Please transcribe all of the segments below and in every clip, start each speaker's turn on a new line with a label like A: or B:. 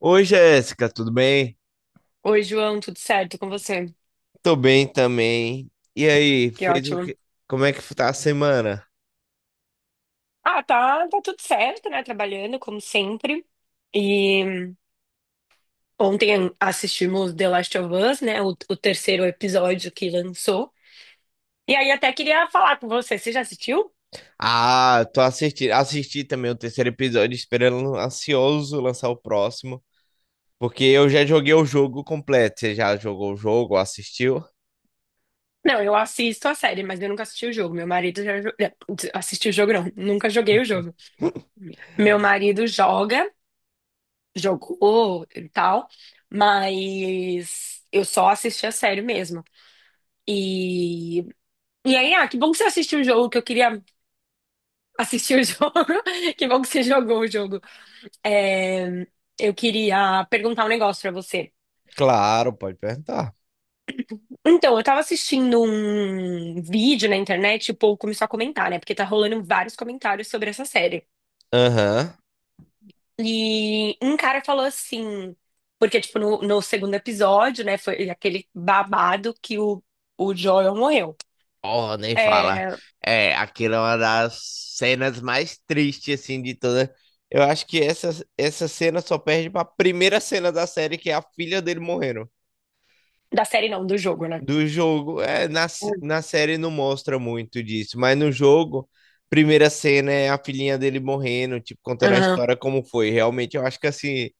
A: Oi, Jéssica, tudo bem?
B: Oi, João, tudo certo com você?
A: Tô bem também. E aí,
B: Que
A: fez o
B: ótimo.
A: que? Como é que tá a semana?
B: Ah, tá, tá tudo certo, né? Trabalhando como sempre. E ontem assistimos The Last of Us, né? O terceiro episódio que lançou. E aí até queria falar com você. Você já assistiu?
A: Ah, tô assistindo, assisti também o terceiro episódio, esperando ansioso lançar o próximo, porque eu já joguei o jogo completo. Você já jogou o jogo, assistiu?
B: Não, eu assisto a série, mas eu nunca assisti o jogo. Meu marido assistiu o jogo, não. Nunca joguei o jogo. Meu marido joga, jogou e tal, mas eu só assisti a série mesmo. E E aí, ah, que bom que você assistiu o jogo, que eu queria assistir o jogo. Que bom que você jogou o jogo. É, eu queria perguntar um negócio pra você.
A: Claro, pode perguntar.
B: Então, eu tava assistindo um vídeo na internet e o povo começou a comentar, né? Porque tá rolando vários comentários sobre essa série.
A: Aham.
B: E um cara falou assim, porque, tipo, no segundo episódio, né, foi aquele babado que o Joel morreu.
A: Oh, nem fala.
B: É,
A: É, aquilo é uma das cenas mais tristes, assim, de toda. Eu acho que essa cena só perde pra primeira cena da série, que é a filha dele morrendo.
B: da série não, do jogo, né?
A: Do jogo. É, na, s-
B: Hum.
A: na série não mostra muito disso, mas no jogo, primeira cena é a filhinha dele morrendo, tipo, contando a
B: Aham,
A: história como foi. Realmente, eu acho que assim,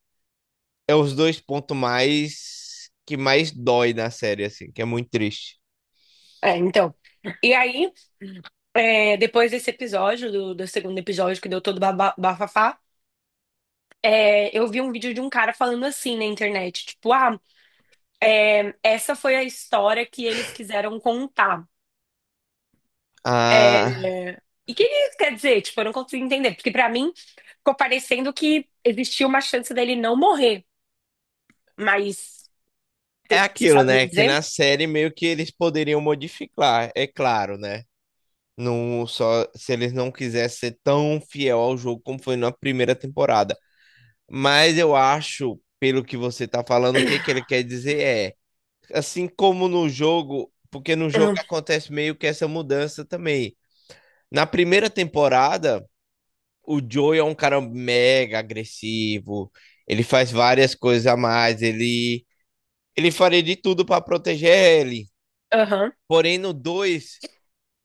A: é os dois pontos mais que mais dói na série, assim, que é muito triste.
B: é, então. E aí. É, depois desse episódio, do segundo episódio que deu todo bafafá, é, eu vi um vídeo de um cara falando assim na internet, tipo, ah, é, essa foi a história que eles quiseram contar. É,
A: Ah,
B: e o que isso quer dizer? Tipo, eu não consigo entender, porque pra mim ficou parecendo que existia uma chance dele não morrer, mas
A: é
B: você
A: aquilo,
B: sabe me
A: né? Que
B: dizer?
A: na série meio que eles poderiam modificar, é claro, né? Não só se eles não quisessem ser tão fiel ao jogo como foi na primeira temporada. Mas eu acho, pelo que você tá falando, o que que ele quer dizer é, assim como no jogo, porque no jogo acontece meio que essa mudança também. Na primeira temporada, o Joey é um cara mega agressivo, ele faz várias coisas a mais, ele faria de tudo para proteger ele.
B: Aham,
A: Porém, no 2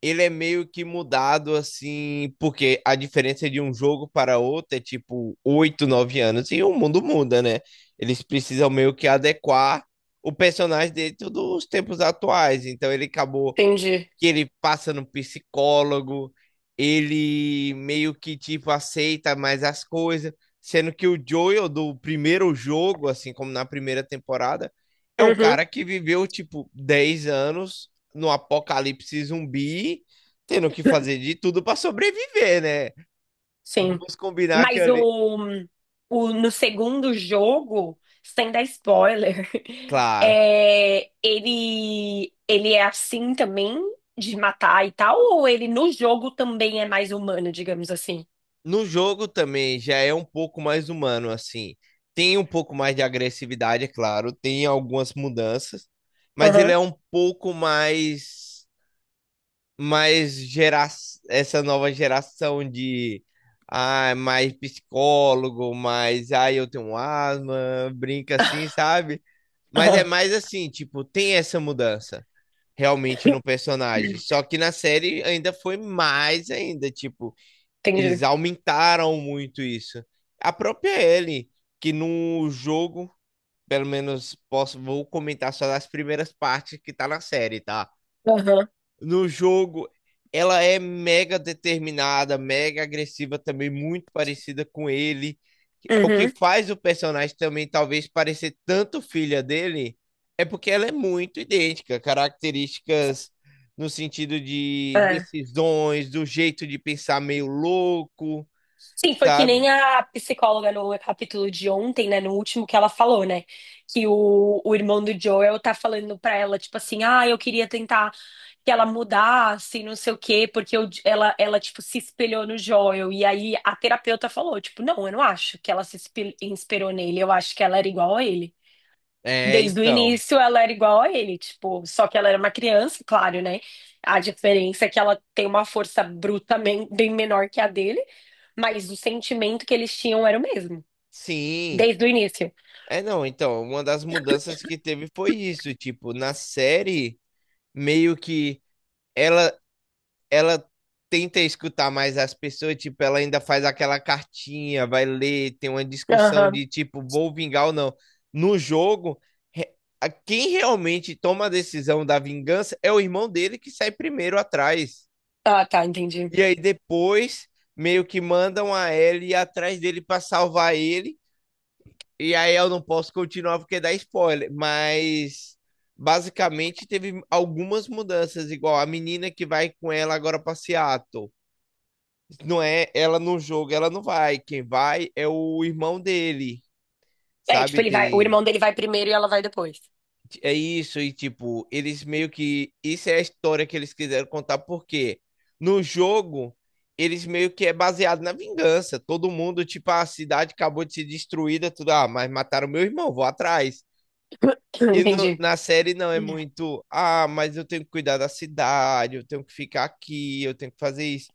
A: ele é meio que mudado assim, porque a diferença de um jogo para outro é tipo 8 9 anos e o mundo muda, né? Eles precisam meio que adequar o personagem dentro dos tempos atuais. Então ele acabou
B: entendi.
A: que ele passa no psicólogo, ele meio que tipo aceita mais as coisas, sendo que o Joel do primeiro jogo, assim como na primeira temporada, é um
B: Uhum,
A: cara que viveu tipo 10 anos no apocalipse zumbi, tendo que fazer de tudo para sobreviver, né?
B: sim.
A: Vamos combinar que
B: Mas
A: ali,
B: no segundo jogo, sem dar spoiler,
A: claro.
B: é, ele é assim também, de matar e tal, ou ele no jogo também é mais humano, digamos assim?
A: No jogo também já é um pouco mais humano, assim. Tem um pouco mais de agressividade, é claro, tem algumas mudanças, mas ele
B: Aham.
A: é um pouco mais gera essa nova geração de ah, mais psicólogo, mais ah, eu tenho asma, brinca assim, sabe? Mas é
B: Aham.
A: mais assim, tipo, tem essa mudança realmente no personagem. Só que na série ainda foi mais ainda, tipo, eles
B: Entendi.
A: aumentaram muito isso. A própria Ellie, que no jogo, pelo menos posso, vou comentar só das primeiras partes que tá na série, tá?
B: Aham.
A: No jogo, ela é mega determinada, mega agressiva também, muito parecida com ele. É o que
B: Uhum.
A: faz o personagem também talvez parecer tanto filha dele, é porque ela é muito idêntica, características no sentido de
B: É.
A: decisões, do jeito de pensar meio louco,
B: Sim, foi que
A: sabe?
B: nem a psicóloga no capítulo de ontem, né? No último que ela falou, né? Que o irmão do Joel tá falando pra ela, tipo assim, ah, eu queria tentar que ela mudasse, não sei o quê, porque tipo, se espelhou no Joel. E aí a terapeuta falou, tipo, não, eu não acho que ela se espe- inspirou nele, eu acho que ela era igual a ele.
A: É,
B: Desde o
A: então,
B: início ela era igual a ele, tipo, só que ela era uma criança, claro, né? A diferença é que ela tem uma força bem menor que a dele, mas o sentimento que eles tinham era o mesmo,
A: sim.
B: desde o início.
A: É, não, então, uma das mudanças que teve foi isso, tipo, na série, meio que ela ela tenta escutar mais as pessoas, tipo, ela ainda faz aquela cartinha, vai ler, tem uma discussão
B: Aham.
A: de tipo, vou vingar ou não. No jogo, re- quem realmente toma a decisão da vingança é o irmão dele que sai primeiro atrás.
B: Ah, tá, entendi.
A: E aí depois meio que mandam a Ellie atrás dele para salvar ele. E aí eu não posso continuar porque dá spoiler, mas basicamente teve algumas mudanças, igual a menina que vai com ela agora pra Seattle. Não é ela no jogo, ela não vai. Quem vai é o irmão dele,
B: É, tipo,
A: sabe?
B: ele vai, o
A: Tem
B: irmão dele vai primeiro e ela vai depois.
A: é isso e tipo, eles meio que isso é a história que eles quiseram contar porque no jogo eles meio que é baseado na vingança. Todo mundo, tipo, "Ah, a cidade acabou de ser destruída, tudo, ah, mas mataram meu irmão, vou atrás. E no-
B: Entendi.
A: na série não é muito, ah, mas eu tenho que cuidar da cidade, eu tenho que ficar aqui, eu tenho que fazer isso,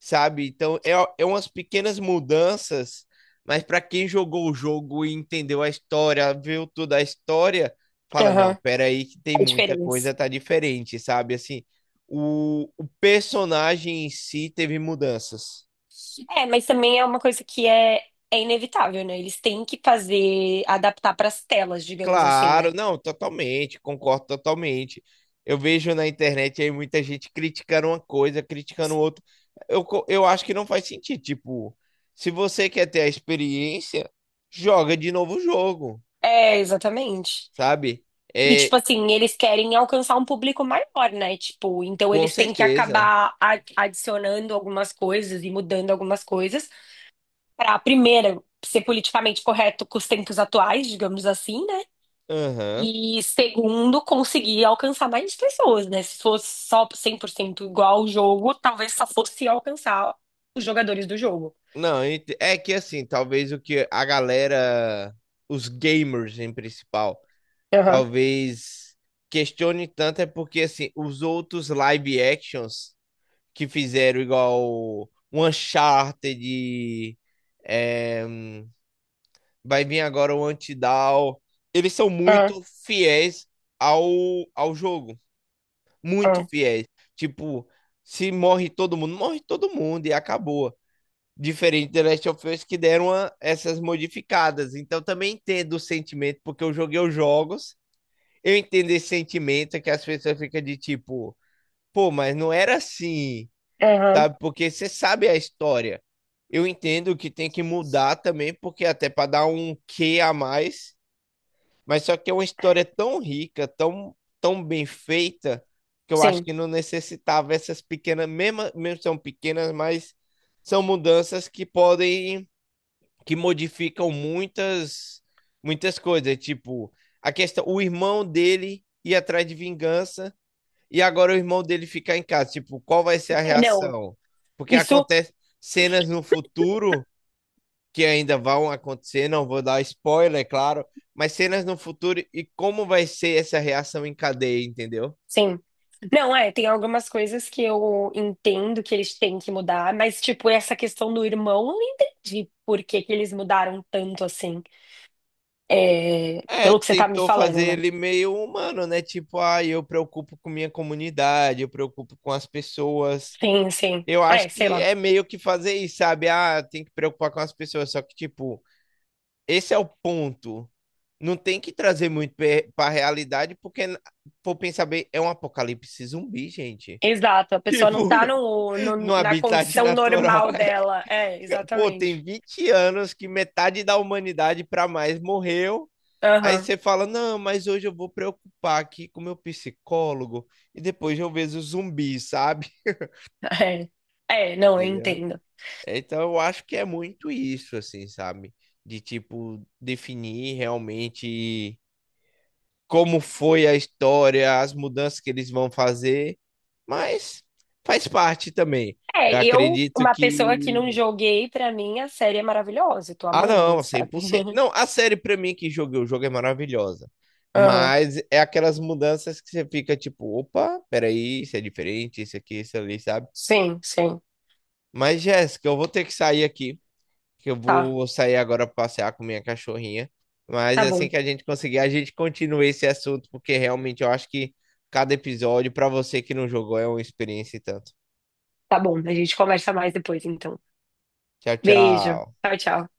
A: sabe? Então é umas pequenas mudanças, mas para quem jogou o jogo e entendeu a história, viu toda a história, fala, não,
B: Aham.
A: peraí que tem
B: A
A: muita coisa,
B: diferença.
A: tá diferente, sabe? Assim, o personagem em si teve mudanças.
B: É, mas também é uma coisa que é, é inevitável, né? Eles têm que fazer, adaptar para as telas, digamos assim, né?
A: Claro, não, totalmente, concordo totalmente. Eu vejo na internet aí muita gente criticando uma coisa, criticando outra. Eu acho que não faz sentido. Tipo, se você quer ter a experiência, joga de novo o jogo,
B: É, exatamente.
A: sabe?
B: E,
A: É,
B: tipo assim, eles querem alcançar um público maior, né? Tipo, então
A: com
B: eles têm que
A: certeza.
B: adicionando algumas coisas e mudando algumas coisas para, primeiro, ser politicamente correto com os tempos atuais, digamos assim, né?
A: Aham.
B: E, segundo, conseguir alcançar mais pessoas, né? Se fosse só 100% igual ao jogo, talvez só fosse alcançar os jogadores do jogo.
A: Não, é que assim, talvez o que a galera, os gamers em principal,
B: Aham,
A: talvez questione tanto é porque assim, os outros live actions. Que fizeram igual o Uncharted, é, vai vir agora o Antidown. Eles são
B: aham,
A: muito fiéis ao, ao jogo. Muito
B: aham,
A: fiéis. Tipo, se morre todo mundo, morre todo mundo e acabou. Diferente do Last of Us que deram essas modificadas. Então também entendo o sentimento, porque eu joguei os jogos. Eu entendo esse sentimento que as pessoas ficam de tipo, pô, mas não era assim.
B: aham.
A: Sabe? Porque você sabe a história. Eu entendo que tem que mudar também, porque até para dar um quê a mais, mas só que é uma história tão rica, tão, tão bem feita, que eu acho
B: Sim.
A: que não necessitava essas pequenas, mesmo, mesmo são pequenas, mas são mudanças que podem, que modificam muitas, muitas coisas. Tipo, a questão, o irmão dele ir atrás de vingança e agora o irmão dele ficar em casa. Tipo, qual vai ser a
B: É, não.
A: reação? Porque
B: Isso.
A: acontece cenas no futuro que ainda vão acontecer, não vou dar spoiler, é claro, mas cenas no futuro e como vai ser essa reação em cadeia, entendeu?
B: Sim. Não, é, tem algumas coisas que eu entendo que eles têm que mudar, mas, tipo, essa questão do irmão, eu não entendi por que que eles mudaram tanto assim. É,
A: É,
B: pelo que você tá me
A: tentou fazer
B: falando, né?
A: ele meio humano, né? Tipo, ah, eu preocupo com minha comunidade, eu preocupo com as pessoas.
B: Sim, sim.
A: Eu acho
B: É, sei
A: que
B: lá.
A: é meio que fazer isso, sabe? Ah, tem que preocupar com as pessoas, só que, tipo, esse é o ponto não tem que trazer muito para realidade, porque, por pensar bem, é um apocalipse zumbi, gente.
B: Exato, a pessoa não tá
A: Tipo, no
B: na
A: habitat
B: condição
A: natural,
B: normal
A: é.
B: dela. É,
A: Pô, tem
B: exatamente.
A: 20 anos que metade da humanidade para mais morreu. Aí
B: Aham,
A: você fala: não, mas hoje eu vou preocupar aqui com meu psicólogo e depois eu vejo o zumbi, sabe?
B: é. É, não, eu
A: Entendeu?
B: entendo.
A: Então eu acho que é muito isso, assim, sabe? De tipo, definir realmente como foi a história, as mudanças que eles vão fazer, mas faz parte também.
B: É,
A: Eu
B: eu,
A: acredito
B: uma
A: que.
B: pessoa que não joguei, pra mim a série é maravilhosa, eu tô
A: Ah,
B: amando,
A: não, cem
B: sabe?
A: por cento, Não, a série pra mim que joguei o jogo é maravilhosa.
B: Aham,
A: Mas é aquelas mudanças que você fica tipo, opa, peraí, isso é diferente, isso aqui, isso ali, sabe?
B: sim, sim.
A: Mas, Jéssica, eu vou ter que sair aqui. Que eu
B: Tá.
A: vou sair agora para passear com minha cachorrinha. Mas
B: Tá bom,
A: assim que a gente conseguir, a gente continua esse assunto, porque realmente eu acho que cada episódio, para você que não jogou, é uma experiência e tanto.
B: tá bom. A gente conversa mais depois, então.
A: Tchau,
B: Beijo.
A: tchau.
B: Tchau, tchau.